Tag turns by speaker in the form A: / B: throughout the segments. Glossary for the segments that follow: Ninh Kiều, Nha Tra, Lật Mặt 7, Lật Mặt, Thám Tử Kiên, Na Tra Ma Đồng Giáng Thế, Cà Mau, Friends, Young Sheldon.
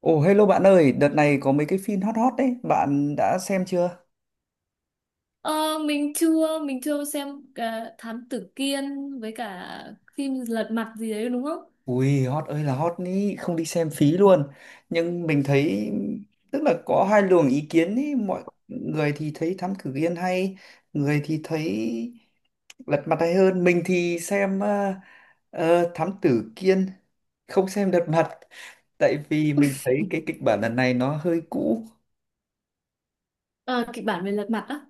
A: Ồ, hello bạn ơi, đợt này có mấy cái phim hot hot đấy, bạn đã xem chưa?
B: Ờ, mình chưa xem cả Thám Tử Kiên với cả phim Lật Mặt gì đấy đúng không?
A: Ui, hot ơi là hot ý, không đi xem phí luôn. Nhưng mình thấy tức là có hai luồng ý kiến ý, mọi người thì thấy Thám Tử Kiên hay, người thì thấy Lật Mặt hay hơn. Mình thì xem Thám Tử Kiên, không xem Lật Mặt tại vì mình thấy cái kịch bản lần này nó hơi cũ.
B: Ờ, kịch bản về Lật Mặt á.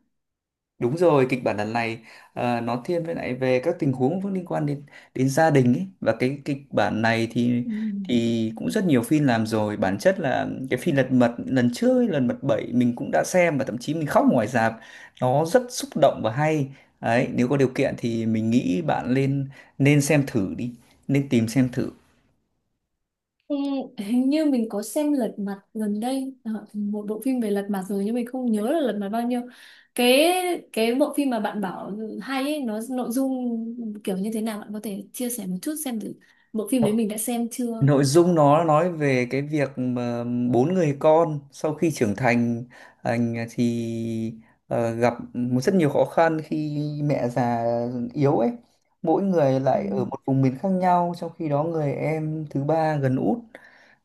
A: Đúng rồi, kịch bản lần này nó thiên với lại về các tình huống cũng liên quan đến đến gia đình ấy và cái kịch bản này thì
B: Ừ.
A: thì cũng rất nhiều phim làm rồi. Bản chất là cái phim Lật Mặt lần trước ấy, Lật Mặt 7 mình cũng đã xem và thậm chí mình khóc ngoài rạp. Nó rất xúc động và hay. Đấy, nếu có điều kiện thì mình nghĩ bạn nên nên xem thử đi, nên tìm xem thử.
B: Ừ, hình như mình có xem Lật Mặt gần đây một bộ phim về Lật Mặt rồi nhưng mình không nhớ là Lật Mặt bao nhiêu. Cái cái bộ phim mà bạn bảo hay ấy, nó nội dung kiểu như thế nào bạn có thể chia sẻ một chút xem thử bộ phim đấy mình đã xem chưa?
A: Nội dung nó nói về cái việc mà bốn người con sau khi trưởng thành, anh thì gặp một rất nhiều khó khăn khi mẹ già yếu ấy. Mỗi người
B: Ừ.
A: lại ở một vùng miền khác nhau, trong khi đó người em thứ ba gần út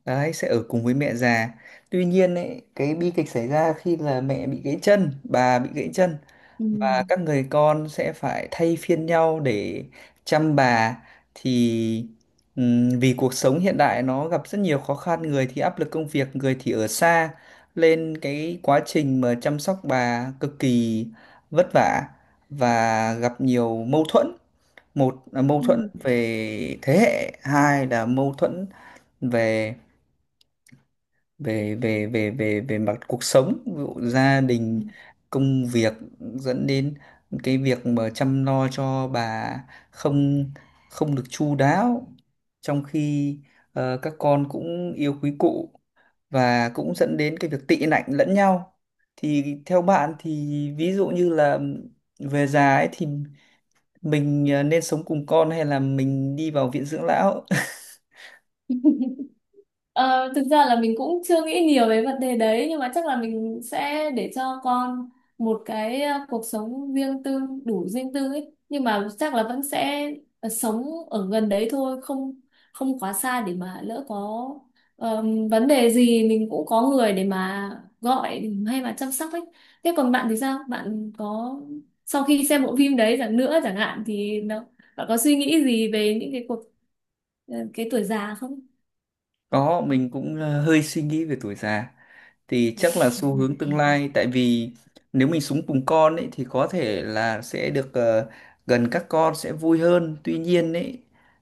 A: đấy sẽ ở cùng với mẹ già. Tuy nhiên ấy, cái bi kịch xảy ra khi là mẹ bị gãy chân, bà bị gãy chân
B: Ừ.
A: và các người con sẽ phải thay phiên nhau để chăm bà thì vì cuộc sống hiện đại nó gặp rất nhiều khó khăn, người thì áp lực công việc, người thì ở xa, nên cái quá trình mà chăm sóc bà cực kỳ vất vả và gặp nhiều mâu thuẫn. Một là mâu thuẫn về thế hệ, hai là mâu thuẫn về về về về về về mặt cuộc sống, ví dụ gia
B: Ừ.
A: đình, công việc, dẫn đến cái việc mà chăm lo cho bà không không được chu đáo, trong khi các con cũng yêu quý cụ, và cũng dẫn đến cái việc tị nạnh lẫn nhau. Thì theo bạn thì ví dụ như là về già ấy thì mình nên sống cùng con hay là mình đi vào viện dưỡng lão?
B: Ờ, thực ra là mình cũng chưa nghĩ nhiều về vấn đề đấy nhưng mà chắc là mình sẽ để cho con một cái cuộc sống riêng tư đủ riêng tư ấy nhưng mà chắc là vẫn sẽ sống ở gần đấy thôi không không quá xa để mà lỡ có ờ, vấn đề gì mình cũng có người để mà gọi hay mà chăm sóc ấy. Thế còn bạn thì sao, bạn có sau khi xem bộ phim đấy chẳng nữa chẳng hạn thì nó, bạn có suy nghĩ gì về những cái cuộc cái tuổi già không?
A: Có, mình cũng hơi suy nghĩ về tuổi già. Thì chắc là xu hướng tương lai, tại vì nếu mình sống cùng con ấy thì có thể là sẽ được gần các con sẽ vui hơn. Tuy nhiên ấy,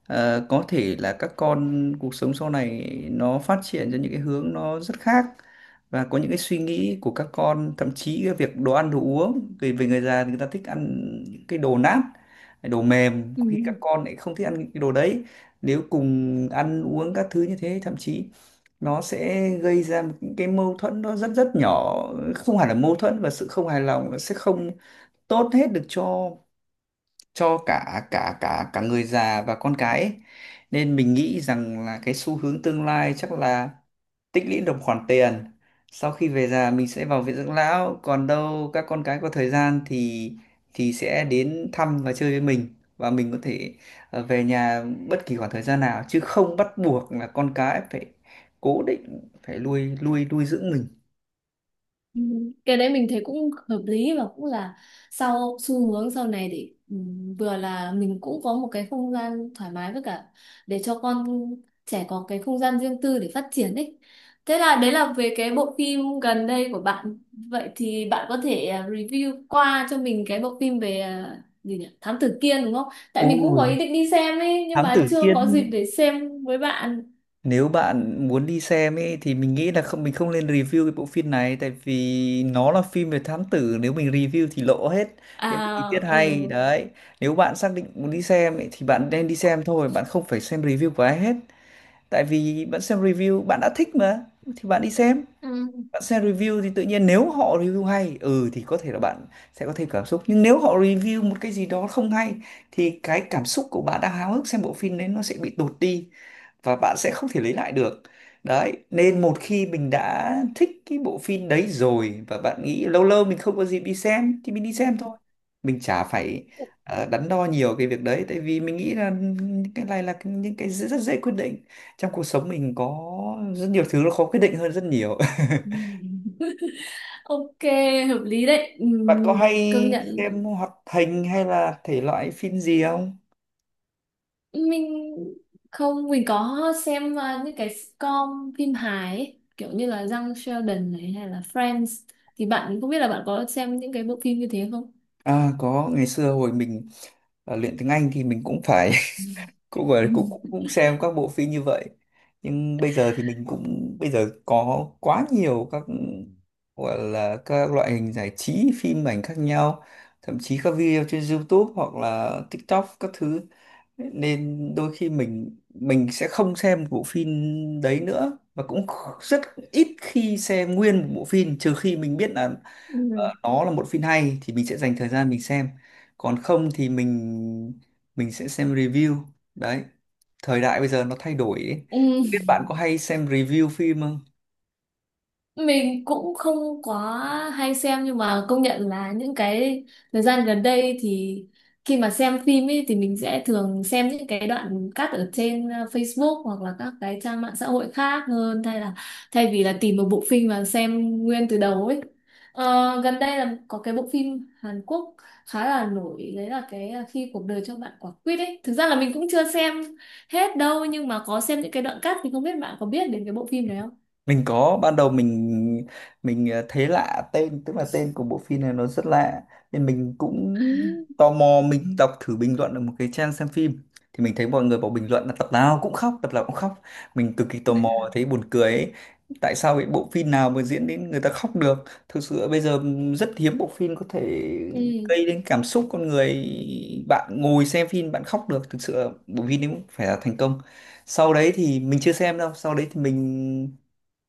A: có thể là các con cuộc sống sau này nó phát triển ra những cái hướng nó rất khác và có những cái suy nghĩ của các con, thậm chí cái việc đồ ăn đồ uống, vì về người già thì người ta thích ăn những cái đồ nát, đồ mềm,
B: Ừ.
A: có khi các con lại không thích ăn những cái đồ đấy. Nếu cùng ăn uống các thứ như thế, thậm chí nó sẽ gây ra một cái mâu thuẫn nó rất rất nhỏ, không hẳn là mâu thuẫn, và sự không hài lòng nó sẽ không tốt hết được cho cả cả cả cả người già và con cái ấy. Nên mình nghĩ rằng là cái xu hướng tương lai chắc là tích lũy được khoản tiền, sau khi về già mình sẽ vào viện dưỡng lão, còn đâu các con cái có thời gian thì sẽ đến thăm và chơi với mình, và mình có thể về nhà bất kỳ khoảng thời gian nào, chứ không bắt buộc là con cái phải cố định phải nuôi nuôi nuôi dưỡng mình.
B: Ừ, cái đấy mình thấy cũng hợp lý và cũng là sau xu hướng sau này để vừa là mình cũng có một cái không gian thoải mái với cả để cho con trẻ có cái không gian riêng tư để phát triển đấy. Thế là đấy là về cái bộ phim gần đây của bạn. Vậy thì bạn có thể review qua cho mình cái bộ phim về gì nhỉ? Thám tử Kiên đúng không? Tại mình cũng có
A: Ôi,
B: ý định đi xem ấy nhưng
A: thám
B: mà
A: tử
B: chưa có
A: Kiên.
B: dịp để xem với bạn.
A: Nếu bạn muốn đi xem ấy thì mình nghĩ là không, mình không nên review cái bộ phim này tại vì nó là phim về thám tử, nếu mình review thì lộ hết những cái tình tiết
B: À, ừ.
A: hay đấy. Nếu bạn xác định muốn đi xem ấy, thì bạn nên đi xem thôi, bạn không phải xem review của ai hết. Tại vì bạn xem review bạn đã thích mà thì bạn đi xem.
B: Ừ.
A: Bạn xem review thì tự nhiên nếu họ review hay, ừ, thì có thể là bạn sẽ có thêm cảm xúc. Nhưng nếu họ review một cái gì đó không hay thì cái cảm xúc của bạn đang háo hức xem bộ phim đấy nó sẽ bị tụt đi và bạn sẽ không thể lấy lại được. Đấy, nên một khi mình đã thích cái bộ phim đấy rồi và bạn nghĩ lâu lâu mình không có dịp đi xem thì mình đi xem thôi, mình chả phải đắn đo nhiều cái việc đấy, tại vì mình nghĩ là cái này là những cái rất, rất dễ quyết định. Trong cuộc sống mình có rất nhiều thứ nó khó quyết định hơn rất nhiều.
B: Ừ. Ok, hợp lý đấy.
A: Bạn có
B: Công
A: hay
B: nhận
A: xem hoạt hình hay là thể loại phim gì không?
B: mình không, mình có xem những cái sitcom phim hài ấy, kiểu như là Young Sheldon này hay là Friends thì bạn không biết là bạn có xem những cái bộ phim như thế không?
A: À, có, ngày xưa hồi mình luyện tiếng Anh thì mình cũng phải cũng gọi là cũng cũng cũng xem các bộ phim như vậy, nhưng bây giờ thì mình cũng bây giờ có quá nhiều các gọi là các loại hình giải trí phim ảnh khác nhau, thậm chí các video trên YouTube hoặc là TikTok các thứ, nên đôi khi mình sẽ không xem một bộ phim đấy nữa, và cũng rất ít khi xem nguyên một bộ phim trừ khi mình biết là
B: Ừ.
A: nó là một phim hay thì mình sẽ dành thời gian mình xem, còn không thì mình sẽ xem review. Đấy, thời đại bây giờ nó thay đổi ấy.
B: Ừ.
A: Không biết bạn có hay xem review phim không?
B: Mình cũng không quá hay xem nhưng mà công nhận là những cái thời gian gần đây thì khi mà xem phim ấy thì mình sẽ thường xem những cái đoạn cắt ở trên Facebook hoặc là các cái trang mạng xã hội khác hơn thay vì là tìm một bộ phim mà xem nguyên từ đầu ấy. Ờ, gần đây là có cái bộ phim Hàn Quốc khá là nổi đấy là cái khi cuộc đời cho bạn quả quýt ấy. Thực ra là mình cũng chưa xem hết đâu nhưng mà có xem những cái đoạn cắt thì không biết bạn có biết đến cái bộ phim đấy không?
A: Mình có, ban đầu mình thấy lạ tên, tức là tên của bộ phim này nó rất lạ, nên mình cũng tò mò mình đọc thử bình luận ở một cái trang xem phim, thì mình thấy mọi người bảo bình luận là tập nào cũng khóc, tập nào cũng khóc. Mình cực kỳ tò mò, thấy buồn cười ấy. Tại sao cái bộ phim nào mà diễn đến người ta khóc được? Thực sự bây giờ rất hiếm bộ phim có thể
B: Ừ.
A: gây đến cảm xúc con người, bạn ngồi xem phim bạn khóc được, thực sự bộ phim đấy cũng phải là thành công. Sau đấy thì mình chưa xem đâu, sau đấy thì mình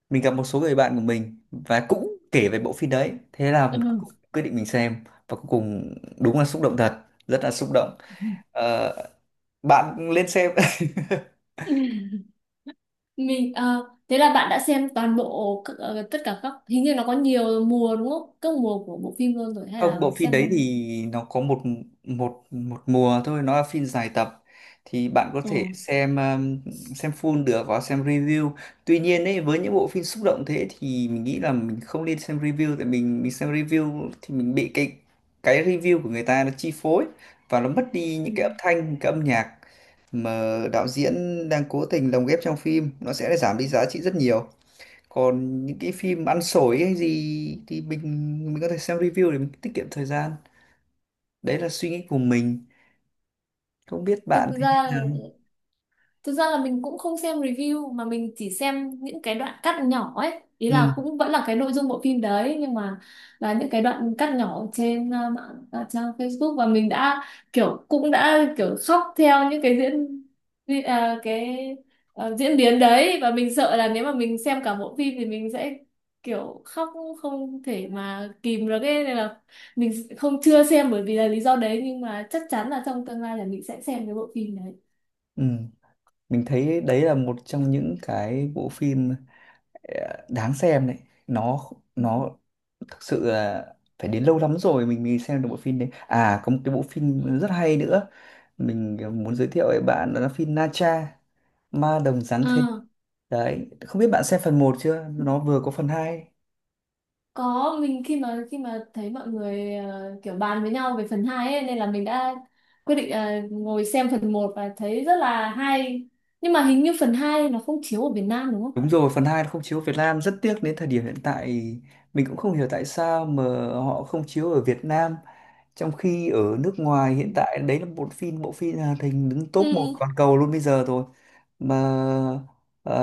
A: mình gặp một số người bạn của mình và cũng kể về bộ phim đấy, thế là
B: Ừ.
A: cũng quyết định mình xem, và cuối cùng đúng là xúc động thật, rất là xúc động. Ờ, bạn lên xem.
B: Mình thế là bạn đã xem toàn bộ ờ, tất cả các, hình như nó có nhiều mùa đúng không, các mùa của bộ phim luôn rồi hay
A: Không, bộ
B: là
A: phim đấy
B: xem
A: thì nó có một một một mùa thôi, nó là phim dài tập, thì bạn có
B: ờ,
A: thể xem full được và xem review. Tuy nhiên ấy, với những bộ phim xúc động thế thì mình nghĩ là mình không nên xem review, tại mình xem review thì mình bị cái review của người ta nó chi phối và nó mất đi
B: ừ.
A: những cái âm thanh, cái âm nhạc mà đạo diễn đang cố tình lồng ghép trong phim, nó sẽ giảm đi giá trị rất nhiều. Còn những cái phim ăn xổi hay gì thì mình có thể xem review để mình tiết kiệm thời gian. Đấy là suy nghĩ của mình, không biết
B: thực
A: bạn thấy thế
B: ra
A: nào.
B: Thực ra là mình cũng không xem review mà mình chỉ xem những cái đoạn cắt nhỏ ấy. Ý
A: Ừ.
B: là cũng vẫn là cái nội dung bộ phim đấy nhưng mà là những cái đoạn cắt nhỏ trên mạng, trang Facebook và mình đã kiểu cũng đã kiểu khóc theo những cái cái diễn biến đấy và mình sợ là nếu mà mình xem cả bộ phim thì mình sẽ kiểu khóc không thể mà kìm được ấy nên là mình không chưa xem bởi vì là lý do đấy nhưng mà chắc chắn là trong tương lai là mình sẽ xem cái bộ phim đấy.
A: ừ. Mình thấy đấy là một trong những cái bộ phim đáng xem đấy. Nó nó thực sự là phải đến lâu lắm rồi mình mới xem được bộ phim đấy. À, có một cái bộ phim rất hay nữa mình muốn giới thiệu với bạn, đó là phim Na Tra Ma Đồng Giáng Thế.
B: Ừ.
A: Đấy, không biết bạn xem phần một chưa, nó vừa có phần hai.
B: Có, mình khi mà thấy mọi người kiểu bàn với nhau về phần 2 ấy, nên là mình đã quyết định ngồi xem phần một và thấy rất là hay. Nhưng mà hình như phần 2 nó không chiếu ở Việt Nam đúng không?
A: Đúng rồi, phần 2 không chiếu Việt Nam, rất tiếc, đến thời điểm hiện tại mình cũng không hiểu tại sao mà họ không chiếu ở Việt Nam, trong khi ở nước ngoài hiện tại đấy là một bộ phim hoạt hình đứng top một
B: Ừ,
A: toàn cầu luôn bây giờ rồi, mà ờ,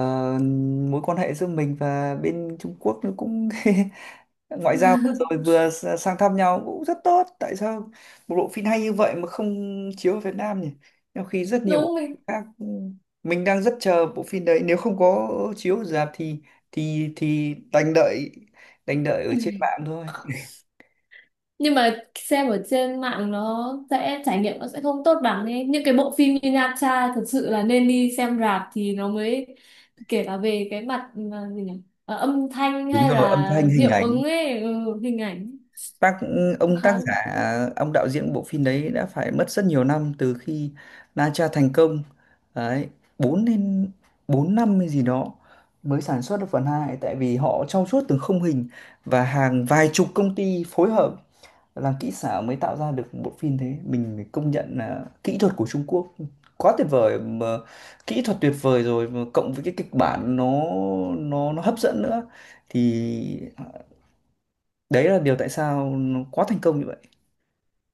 A: mối quan hệ giữa mình và bên Trung Quốc nó cũng ngoại giao vừa rồi vừa sang thăm nhau cũng rất tốt, tại sao một bộ phim hay như vậy mà không chiếu ở Việt Nam nhỉ, trong khi rất nhiều bộ
B: đúng mình.
A: phim khác. Ừ, mình đang rất chờ bộ phim đấy, nếu không có chiếu ở rạp thì thì đành đợi, đành đợi ở trên mạng thôi.
B: Nhưng mà xem ở trên mạng nó sẽ trải nghiệm nó sẽ không tốt bằng ấy. Những cái bộ phim như Nha Tra thật sự là nên đi xem rạp thì nó mới kể cả về cái mặt gì nhỉ? Ờ, âm thanh
A: Đúng
B: hay
A: rồi, âm
B: là
A: thanh, hình
B: hiệu
A: ảnh.
B: ứng ấy, ừ, hình ảnh
A: tác ông tác
B: khá.
A: giả ông đạo diễn bộ phim đấy đã phải mất rất nhiều năm từ khi Na Tra thành công, đấy, bốn đến bốn năm hay gì đó mới sản xuất được phần hai, tại vì họ trau chuốt từng khung hình và hàng vài chục công ty phối hợp làm kỹ xảo mới tạo ra được một bộ phim thế. Mình phải công nhận là kỹ thuật của Trung Quốc quá tuyệt vời, mà kỹ thuật tuyệt vời rồi mà cộng với cái kịch bản nó nó hấp dẫn nữa, thì đấy là điều tại sao nó quá thành công như vậy.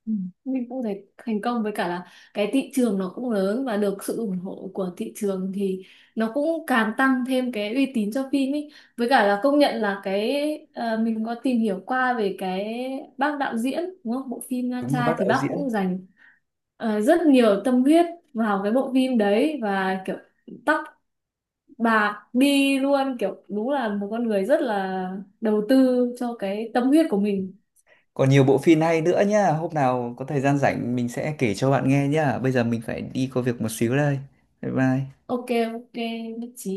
B: Ừ. Mình cũng thấy thành công với cả là cái thị trường nó cũng lớn và được sự ủng hộ của thị trường thì nó cũng càng tăng thêm cái uy tín cho phim ý. Với cả là công nhận là cái mình có tìm hiểu qua về cái bác đạo diễn đúng không? Bộ phim Nha
A: Đúng rồi,
B: Tra
A: bác
B: thì
A: đạo
B: bác cũng
A: diễn.
B: dành rất nhiều tâm huyết vào cái bộ phim đấy và kiểu tóc bạc đi luôn, kiểu đúng là một con người rất là đầu tư cho cái tâm huyết của mình.
A: Còn nhiều bộ phim hay nữa nhá. Hôm nào có thời gian rảnh mình sẽ kể cho bạn nghe nhá. Bây giờ mình phải đi có việc một xíu đây. Bye bye.
B: Ok, ok, nhất trí.